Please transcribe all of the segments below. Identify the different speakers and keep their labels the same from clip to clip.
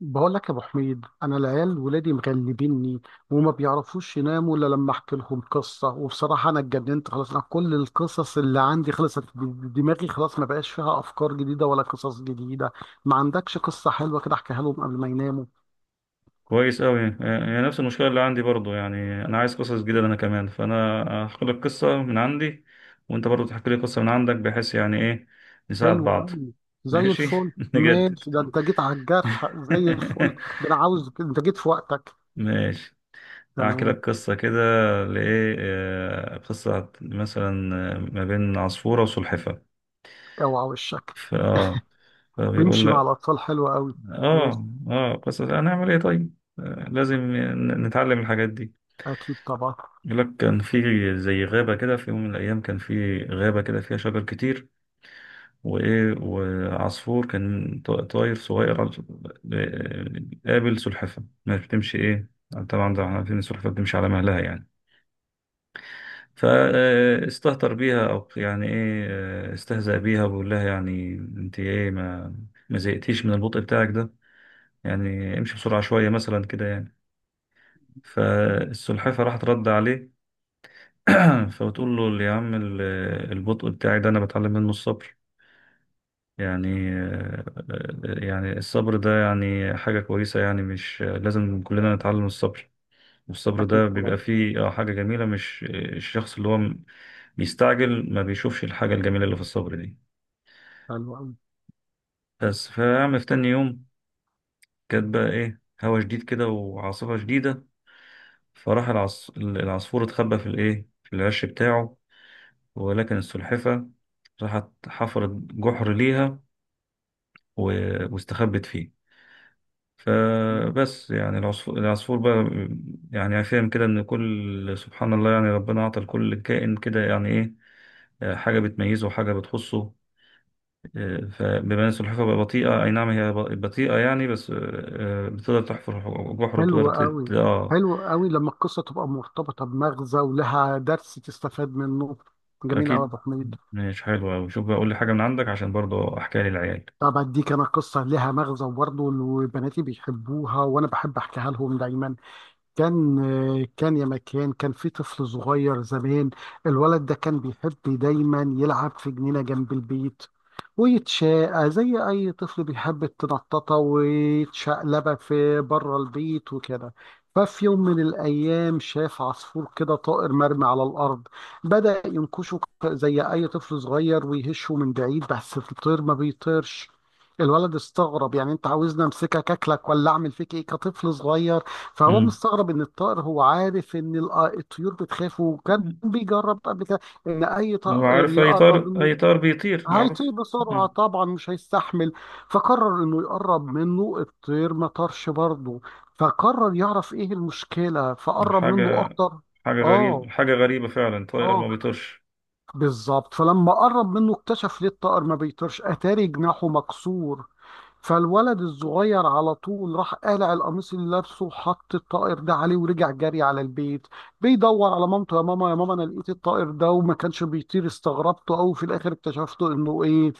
Speaker 1: بقول لك يا ابو حميد، انا العيال ولادي مغلبيني. وما بيعرفوش يناموا الا لما احكي لهم قصه. وبصراحه انا اتجننت خلاص، انا كل القصص اللي عندي خلصت. دماغي خلاص ما بقاش فيها افكار جديده ولا قصص جديده. ما عندكش قصه حلوه كده احكيها لهم قبل ما يناموا؟
Speaker 2: كويس أوي، هي نفس المشكلة اللي عندي برضو، يعني أنا عايز قصص جديدة أنا كمان، فأنا هحكي لك قصة من عندي وأنت برضو تحكي لي قصة من عندك، بحيث يعني إيه، نساعد
Speaker 1: حلوه
Speaker 2: بعض.
Speaker 1: قوي. زي
Speaker 2: ماشي
Speaker 1: الفل.
Speaker 2: نجدد
Speaker 1: ماشي، ده انت جيت على الجرح زي الفل. ده انا عاوز، انت جيت في وقتك.
Speaker 2: ماشي، هحكي
Speaker 1: تمام.
Speaker 2: لك قصة كده. لإيه، قصة مثلا، ما بين عصفورة وسلحفاة.
Speaker 1: اوعى وشك
Speaker 2: ف- آه فبيقول
Speaker 1: تمشي مع
Speaker 2: لك،
Speaker 1: الاطفال، حلوه قوي. ماشي.
Speaker 2: قصة هنعمل إيه؟ طيب، لازم نتعلم الحاجات دي.
Speaker 1: اكيد طبعا.
Speaker 2: يقول لك كان في زي غابة كده، في يوم من الأيام كان في غابة كده فيها شجر كتير وإيه وعصفور كان طاير صغير آه، قابل سلحفاة، ما بتمشي إيه. طبعا ده احنا عارفين إن السلحفاة بتمشي على مهلها يعني، فاستهتر بيها أو يعني إيه، استهزأ بيها وبيقول لها، يعني أنت إيه، ما زهقتيش من البطء بتاعك ده؟ يعني امشي بسرعة شوية مثلا كده يعني. فالسلحفاة راحت رد عليه. فبتقول له، يا عم البطء بتاعي ده انا بتعلم منه الصبر، يعني يعني الصبر ده يعني حاجة كويسة، يعني مش لازم كلنا نتعلم الصبر؟ والصبر
Speaker 1: اكيد
Speaker 2: ده
Speaker 1: طبعا.
Speaker 2: بيبقى فيه حاجة جميلة، مش الشخص اللي هو بيستعجل ما بيشوفش الحاجة الجميلة اللي في الصبر دي.
Speaker 1: حلوه قوي.
Speaker 2: بس فيعمل في تاني يوم، كانت بقى ايه، هوا شديد كده وعاصفة شديدة، فراح العصفور اتخبى في الايه، في العش بتاعه، ولكن السلحفة راحت حفرت جحر ليها واستخبت فيه. فبس يعني العصفور بقى يعني فاهم كده ان كل سبحان الله، يعني ربنا اعطى لكل كائن كده يعني ايه، حاجة بتميزه وحاجة بتخصه. فبما ان السلحفاة بقى بطيئة، اي نعم هي بطيئة يعني، بس بتقدر تحفر جحر وتقدر
Speaker 1: حلو قوي. حلو قوي لما القصة تبقى مرتبطة بمغزى ولها درس تستفاد منه. جميل قوي يا
Speaker 2: اكيد.
Speaker 1: أبو حميد.
Speaker 2: مش حلو اوي، شوف بقى قول لي حاجة من عندك عشان برضه احكيها للعيال.
Speaker 1: طب أديك أنا قصة لها مغزى وبرضه وبناتي بيحبوها وأنا بحب أحكيها لهم دايما. كان، كان يا مكان، كان في طفل صغير زمان. الولد ده كان بيحب دايما يلعب في جنينة جنب البيت، ويتشاقى زي أي طفل بيحب التنططة ويتشقلبة في بره البيت وكده. ففي يوم من الأيام شاف عصفور كده، طائر مرمي على الأرض. بدأ ينكشه زي أي طفل صغير ويهشه من بعيد، بس الطير ما بيطيرش. الولد استغرب، يعني انت عاوزني امسكك اكلك ولا اعمل فيك ايه، كطفل صغير. فهو
Speaker 2: امم
Speaker 1: مستغرب ان الطائر، هو عارف ان الطيور بتخاف وكان بيجرب قبل كده ان اي طائر
Speaker 2: وعارف
Speaker 1: يقرب منه
Speaker 2: اي طار بيطير
Speaker 1: هيطير
Speaker 2: معروف.
Speaker 1: بسرعه
Speaker 2: مم.
Speaker 1: طبعا، مش هيستحمل. فقرر انه يقرب منه، الطير ما طارش برضه. فقرر يعرف ايه المشكله، فقرب منه
Speaker 2: حاجة
Speaker 1: اكتر.
Speaker 2: حاجة غريبة،
Speaker 1: اه.
Speaker 2: حاجة غريبة فعلا، طائر
Speaker 1: اه.
Speaker 2: ما بيطيرش.
Speaker 1: بالظبط. فلما قرب منه اكتشف ليه الطائر ما بيطيرش، اتاري جناحه مكسور. فالولد الصغير على طول راح قالع القميص اللي لابسه وحط الطائر ده عليه، ورجع جري على البيت بيدور على مامته، يا ماما يا ماما انا لقيت الطائر ده وما كانش بيطير، استغربته قوي في الاخر اكتشفته انه ايه؟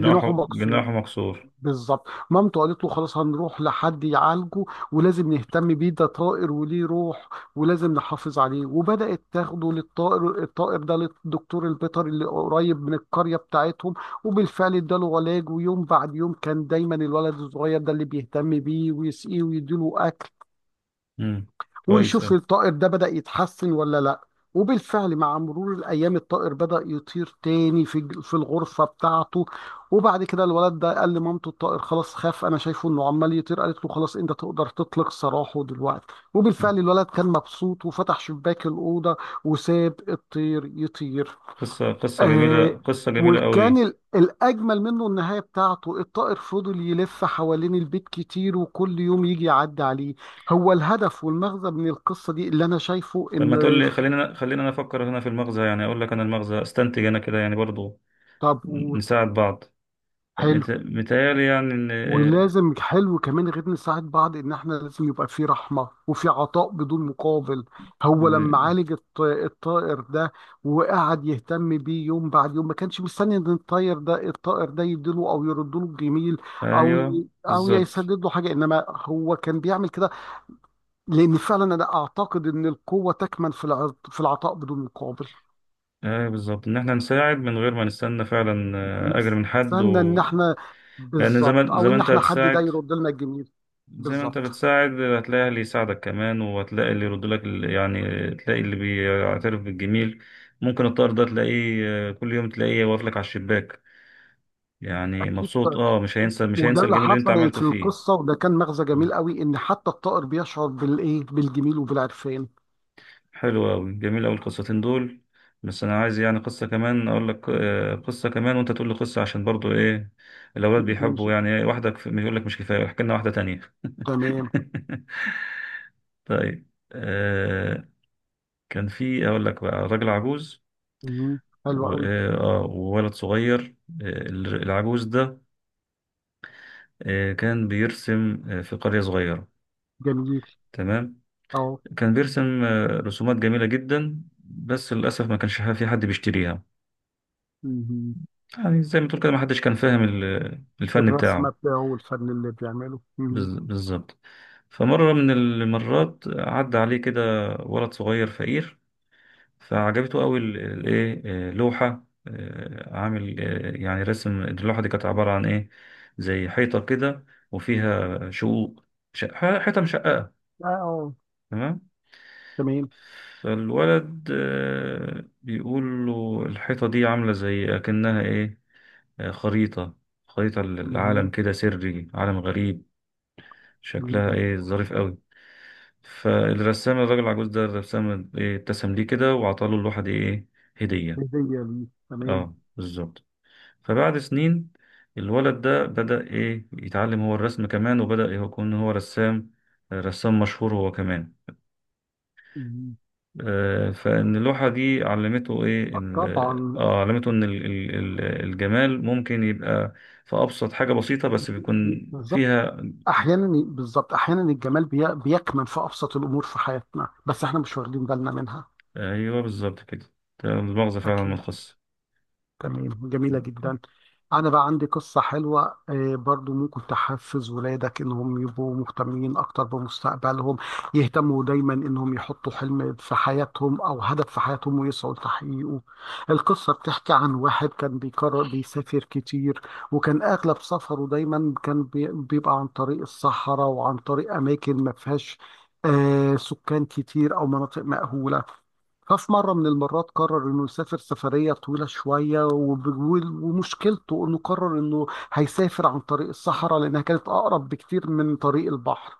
Speaker 1: جناحه مكسور.
Speaker 2: جناحه مكسور.
Speaker 1: بالظبط. مامته قالت له خلاص هنروح لحد يعالجه، ولازم نهتم بيه، ده طائر وليه روح، ولازم نحافظ عليه. وبدأت تاخده للطائر، الطائر ده للدكتور البيطري اللي قريب من القرية بتاعتهم. وبالفعل اداله علاج، ويوم بعد يوم كان دايما الولد الصغير ده اللي بيهتم بيه ويسقيه ويديله أكل.
Speaker 2: امم كويس
Speaker 1: ويشوف
Speaker 2: أوي.
Speaker 1: الطائر ده بدأ يتحسن ولا لا. وبالفعل مع مرور الأيام الطائر بدأ يطير تاني في في الغرفة بتاعته. وبعد كده الولد ده قال لمامته، الطائر خلاص خاف، أنا شايفه إنه عمال يطير. قالت له خلاص أنت تقدر تطلق سراحه دلوقتي.
Speaker 2: مم.
Speaker 1: وبالفعل الولد كان مبسوط وفتح شباك الأوضة وساب الطير يطير.
Speaker 2: قصة جميلة،
Speaker 1: آه.
Speaker 2: قصة جميلة
Speaker 1: وكان
Speaker 2: قوي.
Speaker 1: الأجمل منه النهاية بتاعته، الطائر فضل يلف حوالين البيت كتير، وكل يوم يجي يعدي عليه. هو الهدف والمغزى من القصة دي اللي أنا شايفه
Speaker 2: طب
Speaker 1: إن،
Speaker 2: ما تقول لي، خلينا خلينا أنا أفكر هنا في المغزى، يعني أقول لك أنا المغزى، أستنتج أنا كده يعني برضو
Speaker 1: طب وحلو،
Speaker 2: نساعد بعض. متهيألي يعني
Speaker 1: ولازم حلو كمان غير نساعد بعض، ان احنا لازم يبقى في رحمه وفي عطاء بدون مقابل. هو لما
Speaker 2: إن-
Speaker 1: عالج الطائر ده وقعد يهتم بيه يوم بعد يوم، ما كانش مستني ان الطائر ده، الطائر ده يديله او يرد له الجميل، او
Speaker 2: أيوه بالظبط.
Speaker 1: يسدد له حاجه، انما هو كان بيعمل كده. لان فعلا انا اعتقد ان القوه تكمن في في العطاء بدون مقابل.
Speaker 2: أيوه بالظبط، إن إحنا نساعد من غير ما نستنى فعلا أجر من حد
Speaker 1: نستنى ان
Speaker 2: و...
Speaker 1: احنا،
Speaker 2: لأن
Speaker 1: بالظبط،
Speaker 2: زمان
Speaker 1: او
Speaker 2: زمان
Speaker 1: ان
Speaker 2: أنت
Speaker 1: احنا حد ده
Speaker 2: هتساعد،
Speaker 1: يرد لنا الجميل.
Speaker 2: زي ما انت
Speaker 1: بالظبط.
Speaker 2: بتساعد هتلاقي اللي يساعدك كمان، وهتلاقي اللي يرد لك يعني تلاقي اللي بيعترف بالجميل. ممكن الطائر ده تلاقيه، كل يوم تلاقيه واقف لك على الشباك، يعني
Speaker 1: اكيد.
Speaker 2: مبسوط. اه مش
Speaker 1: وده
Speaker 2: هينسى
Speaker 1: اللي
Speaker 2: الجميل اللي انت
Speaker 1: حصل
Speaker 2: عملته
Speaker 1: في
Speaker 2: فيه.
Speaker 1: القصة، وده كان مغزى
Speaker 2: مم.
Speaker 1: جميل قوي، ان حتى الطائر بيشعر بالايه، بالجميل وبالعرفان.
Speaker 2: حلو قوي، جميل قوي القصتين دول. بس انا عايز يعني قصة كمان، اقول لك قصة كمان وانت تقول لي قصة، عشان برضو ايه، الاولاد
Speaker 1: ماشي.
Speaker 2: بيحبوا يعني إيه، واحدة يقول لك مش كفاية، احكي لنا واحدة تانية.
Speaker 1: تمام.
Speaker 2: طيب كان في، اقول لك بقى راجل عجوز
Speaker 1: مم. حلو
Speaker 2: و-
Speaker 1: قوي.
Speaker 2: وولد صغير. آه، العجوز ده كان بيرسم في قرية صغيرة.
Speaker 1: جميل.
Speaker 2: تمام.
Speaker 1: اهو.
Speaker 2: كان بيرسم رسومات جميلة جدا، بس للأسف ما كانش في حد بيشتريها.
Speaker 1: مم.
Speaker 2: يعني زي ما تقول كده، ما حدش كان فاهم الفن
Speaker 1: الرسمة
Speaker 2: بتاعه.
Speaker 1: بتاعه والفن اللي بيعمله. مم.
Speaker 2: بالظبط. فمرة من المرات عدى عليه كده ولد صغير فقير، فعجبته قوي الايه، لوحه، عامل يعني رسم، اللوحه دي كانت عباره عن ايه، زي حيطه كده وفيها شقوق، حيطه مشققه.
Speaker 1: اه.
Speaker 2: تمام.
Speaker 1: تمام.
Speaker 2: فالولد بيقول له الحيطه دي عامله زي اكنها ايه، خريطه، خريطه
Speaker 1: مم.
Speaker 2: للعالم كده، سري عالم غريب، شكلها
Speaker 1: تمام.
Speaker 2: ايه، ظريف قوي. فالرسام الراجل العجوز ده الرسام إيه، ابتسم ليه كده وعطاله اللوحه دي ايه، هديه.
Speaker 1: هدية ليه، تمام.
Speaker 2: اه، بالظبط. فبعد سنين الولد ده بدأ إيه يتعلم هو الرسم كمان، وبدأ يكون هو رسام، رسام مشهور هو كمان.
Speaker 1: مم.
Speaker 2: فإن اللوحة دي علمته إيه
Speaker 1: طبعا.
Speaker 2: علمته إن الجمال ممكن يبقى في أبسط حاجة بسيطة، بس بيكون
Speaker 1: بالظبط.
Speaker 2: فيها.
Speaker 1: احيانا الجمال بيكمن في ابسط الامور في حياتنا، بس احنا مش واخدين بالنا منها.
Speaker 2: أيوه بالظبط كده، ده المغزى فعلا من
Speaker 1: اكيد.
Speaker 2: القصة.
Speaker 1: تمام. جميلة جدا. أنا بقى عندي قصة حلوة، برضو ممكن تحفز ولادك إنهم يبقوا مهتمين أكتر بمستقبلهم، يهتموا دايما إنهم يحطوا حلم في حياتهم أو هدف في حياتهم ويسعوا لتحقيقه. القصة بتحكي عن واحد كان بيكرر بيسافر كتير، وكان أغلب سفره دايما كان بيبقى عن طريق الصحراء وعن طريق أماكن ما فيهاش سكان كتير أو مناطق مأهولة. ففي مرة من المرات قرر إنه يسافر سفرية طويلة شوية، ومشكلته إنه قرر إنه هيسافر عن طريق الصحراء لأنها كانت أقرب بكتير من طريق البحر.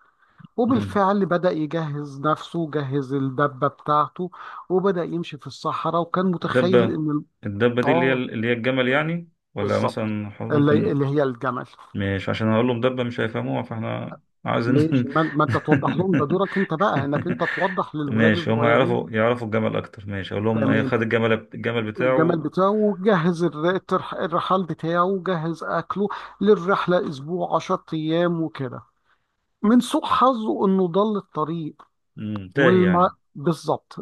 Speaker 2: مم.
Speaker 1: وبالفعل بدأ يجهز نفسه، جهز الدبة بتاعته، وبدأ يمشي في الصحراء، وكان متخيل
Speaker 2: الدبة
Speaker 1: إن
Speaker 2: الدبة دي
Speaker 1: آه،
Speaker 2: اللي هي الجمل يعني، ولا
Speaker 1: بالظبط،
Speaker 2: مثلا
Speaker 1: اللي,
Speaker 2: ممكن.
Speaker 1: اللي هي الجمل.
Speaker 2: مش عشان اقول له مدبة مش هيفهموها، فاحنا عايزين.
Speaker 1: ماشي. ما أنت توضح لهم، ده دورك أنت بقى إنك أنت توضح للولاد
Speaker 2: ماشي هم
Speaker 1: الصغيرين.
Speaker 2: يعرفوا الجمل اكتر، ماشي اقول لهم ايه،
Speaker 1: تمام.
Speaker 2: خد الجمل
Speaker 1: الجمال
Speaker 2: بتاعه.
Speaker 1: بتاعه، وجهز الرحال بتاعه، وجهز أكله للرحلة أسبوع عشر أيام وكده. من سوء حظه إنه ضل الطريق.
Speaker 2: تاهي
Speaker 1: والما
Speaker 2: يعني.
Speaker 1: بالظبط،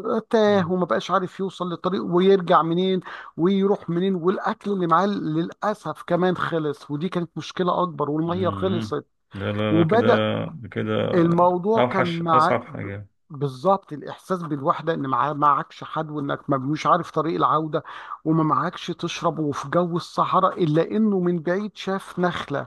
Speaker 2: مم.
Speaker 1: تاه وما بقاش عارف يوصل للطريق ويرجع منين ويروح منين. والأكل اللي معاه للأسف كمان خلص، ودي كانت مشكلة أكبر، والمية
Speaker 2: مم.
Speaker 1: خلصت.
Speaker 2: لا، لا، لا، كده
Speaker 1: وبدأ
Speaker 2: كده،
Speaker 1: الموضوع كان
Speaker 2: اوحش
Speaker 1: مع
Speaker 2: اصعب
Speaker 1: ب-
Speaker 2: حاجة.
Speaker 1: بالظبط، الإحساس بالوحدة، إن معكش حد، وإنك مش عارف طريق العودة، وما معكش تشرب، وفي جو الصحراء. إلا إنه من بعيد شاف نخلة.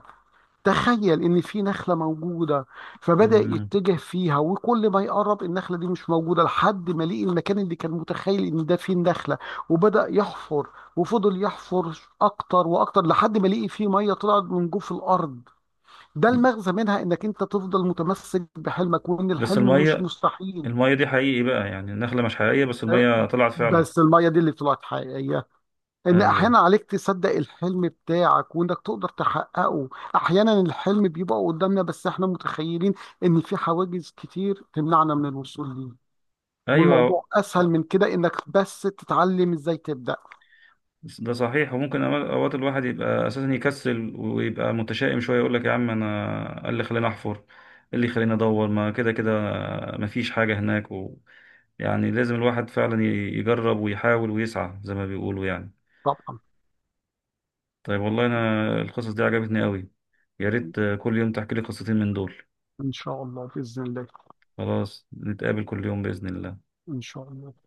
Speaker 1: تخيل إن في نخلة موجودة. فبدأ
Speaker 2: مم.
Speaker 1: يتجه فيها، وكل ما يقرب النخلة دي مش موجودة، لحد ما لقي المكان اللي كان متخيل إن ده فيه النخلة. وبدأ يحفر، وفضل يحفر أكتر وأكتر، لحد ما لقي فيه مية طلعت من جوف الأرض. ده المغزى منها، انك انت تفضل متمسك بحلمك، وان
Speaker 2: بس
Speaker 1: الحلم مش مستحيل.
Speaker 2: المية دي حقيقي بقى، يعني النخلة مش حقيقية بس
Speaker 1: أه،
Speaker 2: المية طلعت فعلا.
Speaker 1: بس المية دي اللي طلعت حقيقية. ان
Speaker 2: ايوه،
Speaker 1: احيانا عليك تصدق الحلم بتاعك، وانك تقدر تحققه. احيانا الحلم بيبقى قدامنا، بس احنا متخيلين ان في حواجز كتير تمنعنا من الوصول ليه،
Speaker 2: ايوه
Speaker 1: والموضوع اسهل من كده، انك بس تتعلم ازاي تبدأ.
Speaker 2: ده صحيح. وممكن أوقات أوقات الواحد يبقى أساسا يكسل ويبقى متشائم شوية، يقول لك يا عم أنا إيه اللي خلاني أحفر، إيه اللي خلاني أدور، ما كده كده، مفيش حاجة هناك و... يعني لازم الواحد فعلا يجرب ويحاول ويسعى زي ما بيقولوا يعني.
Speaker 1: طبعا.
Speaker 2: طيب والله أنا القصص دي عجبتني قوي، يا ريت كل يوم تحكي لي قصتين من دول.
Speaker 1: ان شاء الله، باذن الله.
Speaker 2: خلاص نتقابل كل يوم بإذن الله.
Speaker 1: ان شاء الله.